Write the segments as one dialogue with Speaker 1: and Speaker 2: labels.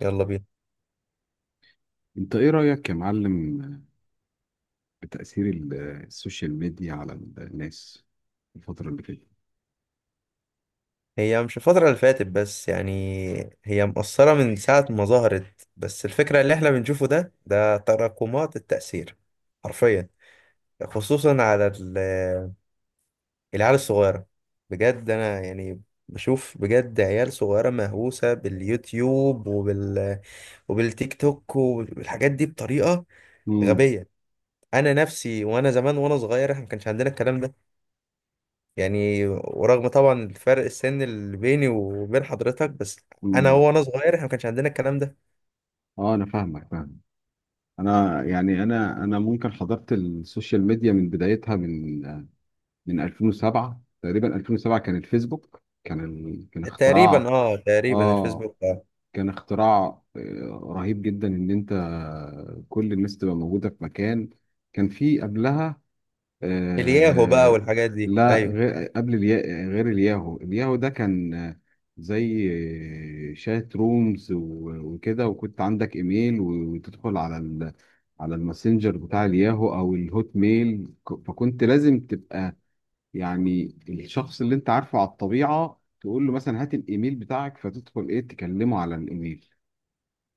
Speaker 1: يلا بينا.
Speaker 2: انت ايه رأيك يا معلم بتأثير السوشيال ميديا على الناس الفترة اللي فاتت؟
Speaker 1: هي مش الفترة اللي فاتت بس، يعني هي مقصرة من ساعة ما ظهرت، بس الفكرة اللي احنا بنشوفه ده تراكمات التأثير حرفيا. خصوصا العيال الصغيرة، بجد. أنا يعني بشوف بجد عيال صغيرة مهووسة باليوتيوب وبالتيك توك والحاجات دي بطريقة
Speaker 2: امم.
Speaker 1: غبية. أنا نفسي، وأنا زمان وأنا صغير احنا ما كانش عندنا الكلام ده، يعني. ورغم طبعا الفرق السن اللي بيني وبين حضرتك، بس انا
Speaker 2: امم.
Speaker 1: هو وانا صغير احنا ما كانش عندنا الكلام ده.
Speaker 2: اه، انا فاهمك، فاهم. انا، يعني انا ممكن حضرت السوشيال ميديا من بدايتها، من 2007 تقريبا. 2007 كان الفيسبوك، كان كان
Speaker 1: تقريبا،
Speaker 2: اختراع.
Speaker 1: اه، تقريبا
Speaker 2: اه،
Speaker 1: الفيسبوك
Speaker 2: كان اختراع، رهيب جدا، ان انت كل الناس تبقى موجودة في مكان. كان في قبلها،
Speaker 1: الياهو بقى
Speaker 2: آه
Speaker 1: والحاجات دي،
Speaker 2: لا،
Speaker 1: ايوه.
Speaker 2: غير الياهو. الياهو ده كان زي شات رومز، و- وكده. وكنت عندك ايميل و- وتدخل على على الماسنجر بتاع الياهو او الهوت ميل، فكنت لازم تبقى، يعني الشخص اللي انت عارفه على الطبيعة تقول له مثلا هات الايميل بتاعك، فتدخل ايه تكلمه على الايميل.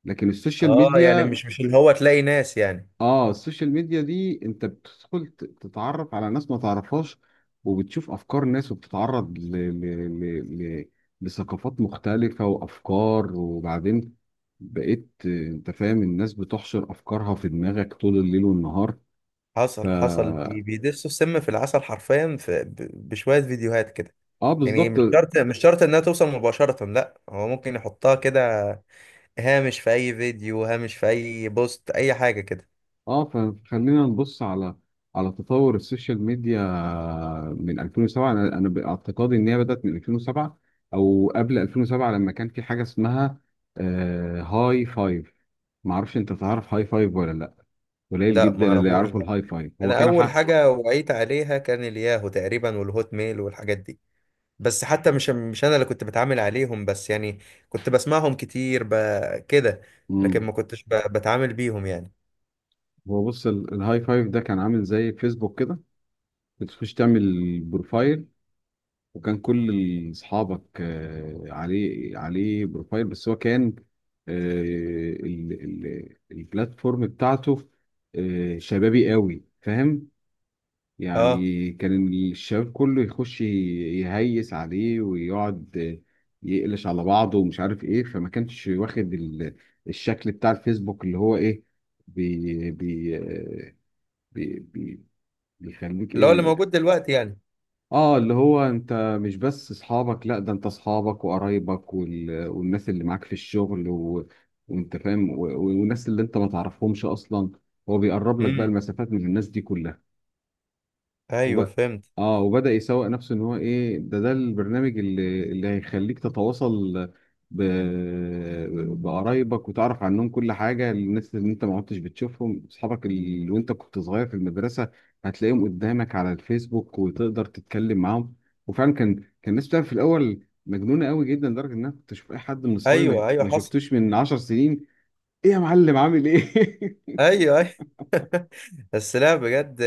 Speaker 2: لكن السوشيال
Speaker 1: اه، يعني
Speaker 2: ميديا،
Speaker 1: مش اللي هو تلاقي ناس، يعني.
Speaker 2: اه السوشيال ميديا دي انت بتدخل تتعرف على ناس ما تعرفهاش، وبتشوف افكار ناس، وبتتعرض ل... ل... لثقافات مختلفة وافكار. وبعدين بقيت، انت فاهم، الناس بتحشر افكارها في دماغك طول الليل والنهار. ف
Speaker 1: حصل بيدسوا السم في العسل حرفيا، في بشوية فيديوهات كده.
Speaker 2: اه
Speaker 1: يعني
Speaker 2: بالظبط.
Speaker 1: مش شرط انها توصل مباشرة، لا، هو ممكن يحطها كده هامش في اي فيديو، هامش في اي بوست، اي حاجة كده.
Speaker 2: اه فخلينا نبص على تطور السوشيال ميديا من 2007. انا باعتقادي ان هي بدات من 2007 او قبل 2007، لما كان في حاجه اسمها، هاي فايف. ما اعرفش، انت تعرف هاي فايف ولا لا؟ قليل
Speaker 1: لا، ما
Speaker 2: جدا اللي
Speaker 1: اعرفوش.
Speaker 2: يعرفوا الهاي فايف. هو
Speaker 1: انا
Speaker 2: كان
Speaker 1: اول
Speaker 2: حق.
Speaker 1: حاجه وعيت عليها كان الياهو تقريبا، والهوت ميل والحاجات دي، بس حتى مش انا اللي كنت بتعامل عليهم، بس يعني كنت بسمعهم كتير، كده. لكن
Speaker 2: مم.
Speaker 1: ما كنتش بتعامل بيهم، يعني.
Speaker 2: هو، بص، الهاي فايف ده كان عامل زي فيسبوك كده. بتخش تعمل بروفايل، وكان كل اصحابك، عليه، عليه بروفايل، بس هو كان آه، البلاتفورم بتاعته شبابي قوي، فاهم؟
Speaker 1: اه،
Speaker 2: يعني كان الشباب كله يخش يهيس عليه ويقعد يقلش على بعضه ومش عارف ايه. فما كانش واخد الشكل بتاع الفيسبوك، اللي هو ايه، بي بي آه، بي بي بيخليك
Speaker 1: اللي
Speaker 2: ايه
Speaker 1: هو اللي
Speaker 2: يعني.
Speaker 1: موجود دلوقتي يعني.
Speaker 2: اه، اللي هو انت مش بس اصحابك، لا، ده انت اصحابك وقرايبك والناس اللي معاك في الشغل، و... وانت فاهم، و... والناس اللي انت ما تعرفهمش اصلا. هو بيقرب لك بقى
Speaker 1: امم،
Speaker 2: المسافات من الناس دي كلها.
Speaker 1: ايوه
Speaker 2: وب...
Speaker 1: فهمت.
Speaker 2: اه، وبدأ يسوق نفسه ان هو ايه، ده البرنامج اللي هيخليك تتواصل ب... بقرايبك وتعرف عنهم كل حاجة. الناس اللي انت ما كنتش بتشوفهم، اصحابك اللي وانت كنت صغير في المدرسة هتلاقيهم قدامك على الفيسبوك وتقدر تتكلم معاهم. وفعلا كان الناس بتعمل في الاول مجنونة قوي جدا، لدرجة ان انا كنت اشوف اي حد من اصحابي ما
Speaker 1: ايوه، ايوه،
Speaker 2: ما
Speaker 1: حصل.
Speaker 2: شفتوش من 10 سنين. ايه يا معلم، عامل ايه؟
Speaker 1: ايوه، ايوه. بس لا، بجد.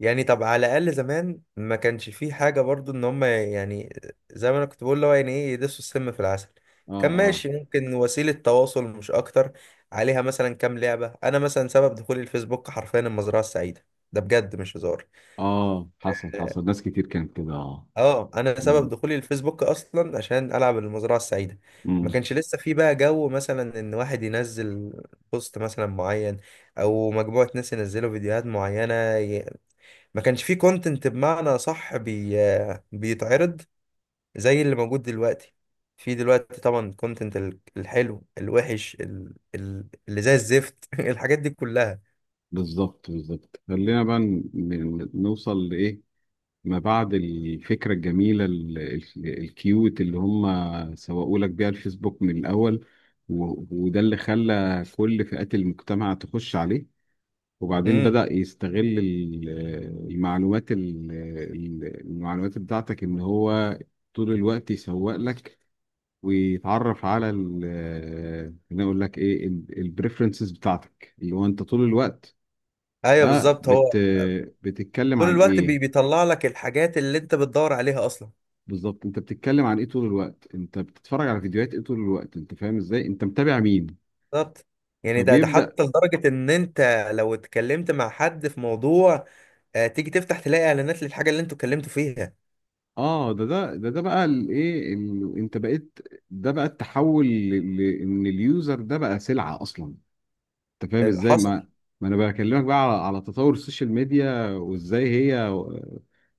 Speaker 1: يعني طب، على الاقل زمان ما كانش فيه حاجه برضو ان هم، يعني زي ما انا كنت بقول اللي هو يعني ايه، يدسوا السم في العسل.
Speaker 2: اه،
Speaker 1: كان ماشي،
Speaker 2: اه،
Speaker 1: ممكن وسيله تواصل مش اكتر. عليها مثلا كام لعبه، انا مثلا سبب دخولي الفيسبوك حرفيا المزرعه السعيده، ده بجد مش هزار.
Speaker 2: اه. حصل،
Speaker 1: اه.
Speaker 2: حصل، ناس كتير كانت كده، اه.
Speaker 1: آه، انا سبب دخولي الفيسبوك اصلا عشان العب المزرعه السعيده. ما
Speaker 2: امم.
Speaker 1: كانش لسه في بقى جو مثلا ان واحد ينزل بوست مثلا معين، او مجموعه ناس ينزلوا فيديوهات معينه. ما كانش فيه كونتنت بمعنى صح بيتعرض زي اللي موجود دلوقتي. في دلوقتي طبعا كونتنت الحلو الوحش، اللي زي الزفت، الحاجات دي كلها.
Speaker 2: بالظبط، بالظبط. خلينا بقى، نوصل لإيه ما بعد الفكرة الجميلة، الكيوت، اللي هم سوقوا لك بيها الفيسبوك من الأول. و- وده اللي خلى كل فئات المجتمع تخش عليه. وبعدين
Speaker 1: امم.
Speaker 2: بدأ يستغل المعلومات، المعلومات بتاعتك، إن هو طول الوقت يسوق لك، ويتعرف على خليني أقول لك إيه، البريفرنسز بتاعتك، اللي هو أنت طول الوقت،
Speaker 1: ايوه
Speaker 2: اه
Speaker 1: بالظبط.
Speaker 2: بت
Speaker 1: هو
Speaker 2: بتتكلم
Speaker 1: طول
Speaker 2: عن
Speaker 1: الوقت
Speaker 2: ايه.
Speaker 1: بيطلع لك الحاجات اللي انت بتدور عليها اصلا.
Speaker 2: بالظبط، انت بتتكلم عن ايه طول الوقت، انت بتتفرج على فيديوهات ايه طول الوقت، انت فاهم ازاي، انت متابع مين.
Speaker 1: بالظبط. يعني ده
Speaker 2: فبيبدأ،
Speaker 1: حتى لدرجة ان انت لو اتكلمت مع حد في موضوع، آه، تيجي تفتح تلاقي اعلانات للحاجة اللي انتوا اتكلمتوا فيها.
Speaker 2: اه ده بقى الايه، انت بقيت، ده بقى التحول، ان اليوزر ده بقى سلعة اصلا. انت فاهم
Speaker 1: آه،
Speaker 2: ازاي؟
Speaker 1: حصل
Speaker 2: ما انا بكلمك بقى على تطور السوشيال ميديا، وازاي هي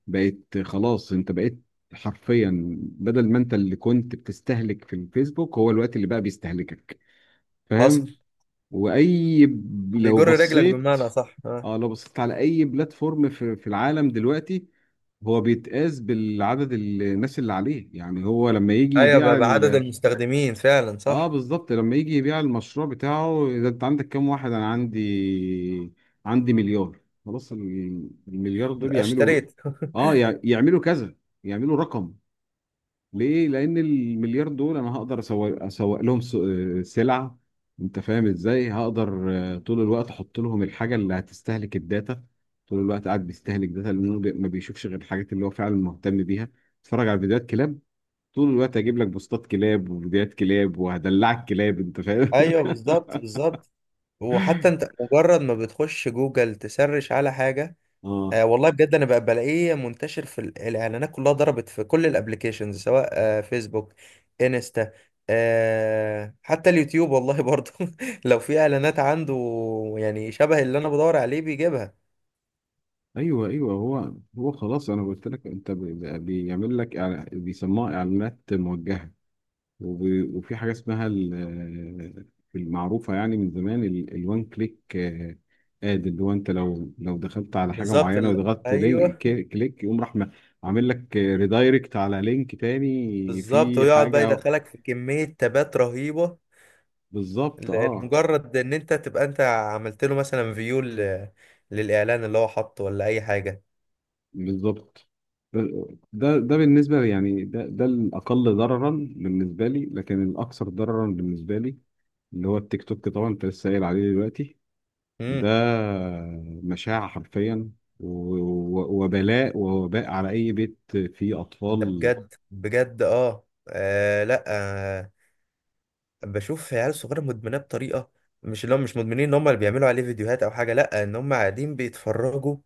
Speaker 2: بقت خلاص. انت بقيت حرفيا، بدل ما انت اللي كنت بتستهلك في الفيسبوك، هو الوقت اللي بقى بيستهلكك،
Speaker 1: حصل.
Speaker 2: فاهم. لو
Speaker 1: بيجر رجلك
Speaker 2: بصيت،
Speaker 1: بمعنى صح،
Speaker 2: اه لو بصيت على اي بلاتفورم، في العالم دلوقتي، هو بيتقاس بالعدد الناس اللي عليه. يعني هو لما يجي
Speaker 1: ايوه،
Speaker 2: يبيع
Speaker 1: بعدد المستخدمين فعلا،
Speaker 2: اه،
Speaker 1: صح.
Speaker 2: بالظبط، لما يجي يبيع المشروع بتاعه، اذا انت عندك كام واحد. انا عندي مليار. خلاص، المليار دول يعملوا،
Speaker 1: اشتريت.
Speaker 2: يعملوا كذا، يعملوا رقم. ليه؟ لأن المليار دول أنا هقدر أسوق لهم، سلع. أنت فاهم إزاي؟ هقدر طول الوقت أحط لهم الحاجة اللي هتستهلك الداتا. طول الوقت قاعد بيستهلك داتا، لأنه ما بيشوفش غير الحاجات اللي هو فعلا مهتم بيها. اتفرج على فيديوهات كلاب، طول الوقت أجيب لك بوستات كلاب وفيديوهات كلاب، وهدلعك كلاب. أنت فاهم؟
Speaker 1: ايوه بالظبط، بالظبط. وحتى انت مجرد ما بتخش جوجل تسرش على حاجه،
Speaker 2: اه.
Speaker 1: آه والله بجد انا بقى بلاقيه منتشر الاعلانات كلها، ضربت في كل الابليكيشنز، سواء آه فيسبوك، انستا، آه حتى اليوتيوب والله برضه. لو في اعلانات عنده يعني شبه اللي انا بدور عليه بيجيبها.
Speaker 2: ايوه، ايوه. هو خلاص، انا قلت لك، انت بيعمل لك، بيسموها اعلانات موجهه. وفي حاجة اسمها المعروفة يعني من زمان، الوان كليك. اد اللي هو انت، لو دخلت على حاجة
Speaker 1: بالظبط.
Speaker 2: معينة وضغطت لينك،
Speaker 1: ايوه.
Speaker 2: كليك، يقوم راح عامل لك ريدايركت على لينك تاني
Speaker 1: بالظبط.
Speaker 2: في
Speaker 1: ويقعد بقى
Speaker 2: حاجة.
Speaker 1: يدخلك في كميه تابات رهيبه،
Speaker 2: بالظبط. اه
Speaker 1: مجرد ان انت تبقى انت عملت له مثلا فيو للاعلان اللي هو حاطه ولا اي حاجه.
Speaker 2: بالظبط. ده بالنسبة لي يعني ده الأقل ضررا بالنسبة لي. لكن الأكثر ضررا بالنسبة لي، اللي هو التيك توك، طبعا انت لسه قايل عليه دلوقتي. ده
Speaker 1: امم.
Speaker 2: مشاعة حرفيا، وبلاء ووباء على أي بيت فيه
Speaker 1: ده
Speaker 2: أطفال.
Speaker 1: بجد بجد، اه، آه، لا، آه، بشوف عيال صغيره مدمنه بطريقه، مش اللي هم مش مدمنين ان هم اللي بيعملوا عليه فيديوهات او حاجه، لا، ان هم قاعدين بيتفرجوا،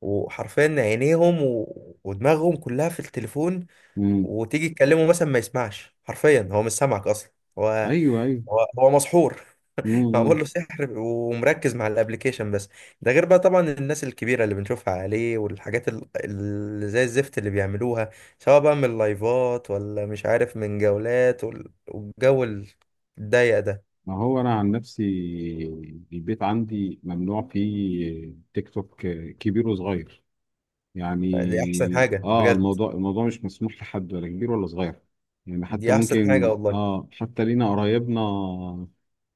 Speaker 1: وحرفيا عينيهم ودماغهم كلها في التليفون.
Speaker 2: مم.
Speaker 1: وتيجي تكلمه مثلا ما يسمعش، حرفيا هو مش سامعك اصلا. هو،
Speaker 2: أيوه، أيوه.
Speaker 1: هو مسحور، معمول
Speaker 2: مم.
Speaker 1: له سحر ومركز مع الابليكيشن بس. ده غير بقى طبعا الناس الكبيره اللي بنشوفها عليه، والحاجات اللي زي الزفت اللي بيعملوها، سواء بقى من لايفات ولا مش عارف من جولات والجو الضيق ده.
Speaker 2: ما هو أنا عن نفسي، البيت عندي ممنوع فيه تيك توك، كبير وصغير.
Speaker 1: دي احسن
Speaker 2: يعني،
Speaker 1: حاجه بجد.
Speaker 2: الموضوع مش مسموح لحد، ولا كبير ولا صغير. يعني
Speaker 1: دي
Speaker 2: حتى
Speaker 1: احسن حاجه
Speaker 2: ممكن،
Speaker 1: والله.
Speaker 2: حتى لينا قرايبنا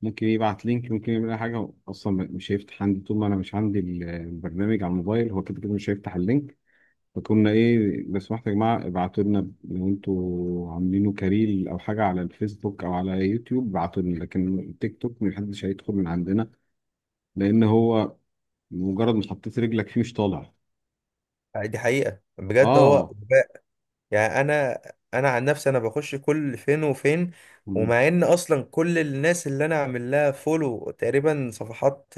Speaker 2: ممكن يبعت لينك، ممكن يعمل اي حاجه، اصلا مش هيفتح عندي طول ما انا مش عندي البرنامج على الموبايل. هو كده كده مش هيفتح اللينك. فكنا ايه، لو سمحتوا يا جماعه، ابعتوا لنا لو انتوا عاملينه كاريل او حاجه على الفيسبوك او على يوتيوب، ابعتوا لنا. لكن التيك توك محدش هيدخل من عندنا، لان هو مجرد ما حطيت رجلك فيه، مش طالع.
Speaker 1: دي حقيقه بجد، هو
Speaker 2: اه.
Speaker 1: غباء. يعني انا، انا عن نفسي انا بخش كل فين وفين. ومع ان اصلا كل الناس اللي انا عامل لها فولو تقريبا صفحات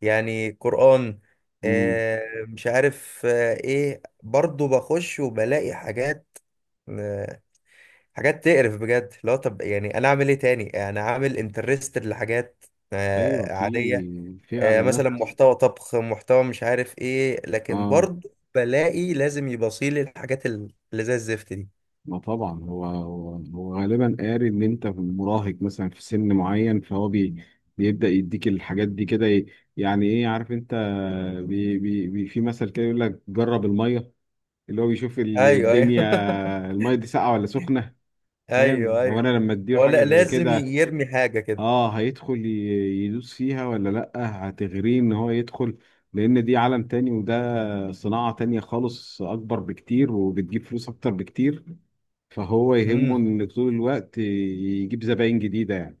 Speaker 1: يعني قرآن،
Speaker 2: مم.
Speaker 1: آه، مش عارف آه ايه، برضو بخش وبلاقي حاجات، آه، حاجات تقرف بجد. لا طب يعني انا اعمل ايه تاني؟ انا عامل انترستد لحاجات
Speaker 2: ايوه،
Speaker 1: آه
Speaker 2: في
Speaker 1: عادية،
Speaker 2: في
Speaker 1: آه، مثلا
Speaker 2: اعلانات.
Speaker 1: محتوى طبخ، محتوى مش عارف ايه، لكن
Speaker 2: اه،
Speaker 1: برضو بلاقي لازم يبصيلي الحاجات اللي زي الزفت دي.
Speaker 2: ما طبعا هو غالبا قاري ان انت مراهق مثلا في سن معين، فهو بيبدا يديك الحاجات دي كده، يعني ايه، عارف انت، بي بي بي في مثل كده، يقول لك جرب الميه اللي هو بيشوف
Speaker 1: ايوه ايوه.
Speaker 2: الدنيا، الميه دي ساقعه ولا سخنه. فاهم؟
Speaker 1: ايوه
Speaker 2: هو
Speaker 1: ايوه.
Speaker 2: انا لما اديله
Speaker 1: هو
Speaker 2: حاجه
Speaker 1: لا
Speaker 2: زي
Speaker 1: لازم
Speaker 2: كده،
Speaker 1: يرمي حاجة كده.
Speaker 2: اه، هيدخل يدوس فيها ولا لأ؟ هتغريه ان هو يدخل، لان دي عالم تاني، وده صناعة تانية خالص، اكبر بكتير، وبتجيب فلوس اكتر بكتير. فهو يهمه
Speaker 1: امم.
Speaker 2: ان طول الوقت يجيب زباين جديدة يعني.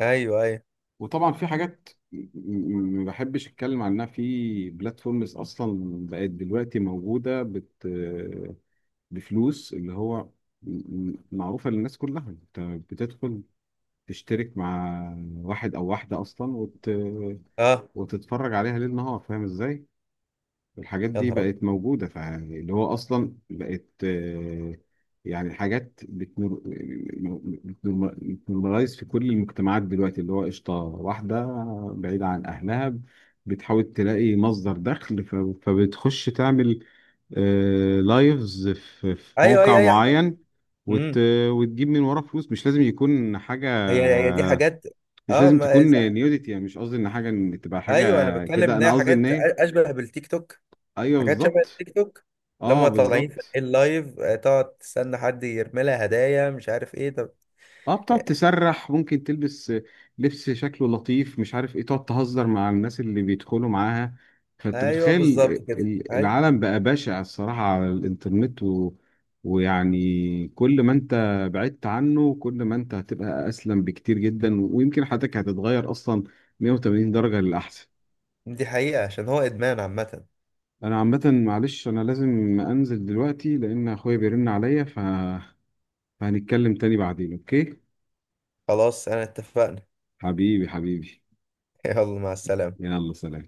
Speaker 1: ايوه ايوه.
Speaker 2: وطبعا في حاجات، ما بحبش اتكلم عنها في بلاتفورمز اصلا، بقت دلوقتي موجودة، بفلوس، اللي هو، معروفة للناس كلها. انت بتدخل تشترك مع واحد او واحده اصلا،
Speaker 1: اه.
Speaker 2: وتتفرج عليها ليل نهار، فاهم ازاي. الحاجات
Speaker 1: يا
Speaker 2: دي
Speaker 1: نهار ابيض.
Speaker 2: بقت موجوده، فاللي هو اصلا بقت يعني حاجات بتنورمالايز في كل المجتمعات دلوقتي، اللي هو قشطه واحده بعيده عن اهلها، بتحاول تلاقي مصدر دخل، فبتخش تعمل لايفز، في
Speaker 1: ايوه
Speaker 2: موقع
Speaker 1: ايوه ايوه.
Speaker 2: معين، وت...
Speaker 1: امم.
Speaker 2: وتجيب من وراه فلوس. مش لازم يكون حاجة،
Speaker 1: هي دي حاجات.
Speaker 2: مش
Speaker 1: اه
Speaker 2: لازم
Speaker 1: ما،
Speaker 2: تكون نيوديتي يعني، مش قصدي ان حاجه، ان تبقى
Speaker 1: ايوه انا
Speaker 2: حاجه
Speaker 1: بتكلم
Speaker 2: كده،
Speaker 1: ان
Speaker 2: انا
Speaker 1: هي
Speaker 2: قصدي ان
Speaker 1: حاجات
Speaker 2: ايه.
Speaker 1: اشبه بالتيك توك.
Speaker 2: ايوه،
Speaker 1: حاجات شبه
Speaker 2: بالظبط.
Speaker 1: التيك توك.
Speaker 2: اه
Speaker 1: لما طالعين في
Speaker 2: بالظبط.
Speaker 1: اللايف، آه، تقعد تستنى حد يرمي لها هدايا مش عارف ايه، طب.
Speaker 2: اه، بتقعد تسرح، ممكن تلبس لبس شكله لطيف، مش عارف ايه، تقعد تهزر مع الناس اللي بيدخلوا معاها. فانت
Speaker 1: ايوه
Speaker 2: بتخيل
Speaker 1: بالظبط كده، ايوه.
Speaker 2: العالم بقى بشع الصراحه على الانترنت، ويعني كل ما انت بعدت عنه، كل ما انت هتبقى اسلم بكتير جدا، ويمكن حياتك هتتغير اصلا 180 درجه للاحسن.
Speaker 1: دي حقيقة، عشان هو ادمان عامة.
Speaker 2: انا عامه، معلش، انا لازم انزل دلوقتي لان اخويا بيرن عليا، فهنتكلم تاني بعدين، اوكي.
Speaker 1: خلاص، انا اتفقنا.
Speaker 2: حبيبي، حبيبي.
Speaker 1: يلا مع السلامة.
Speaker 2: يلا، سلام.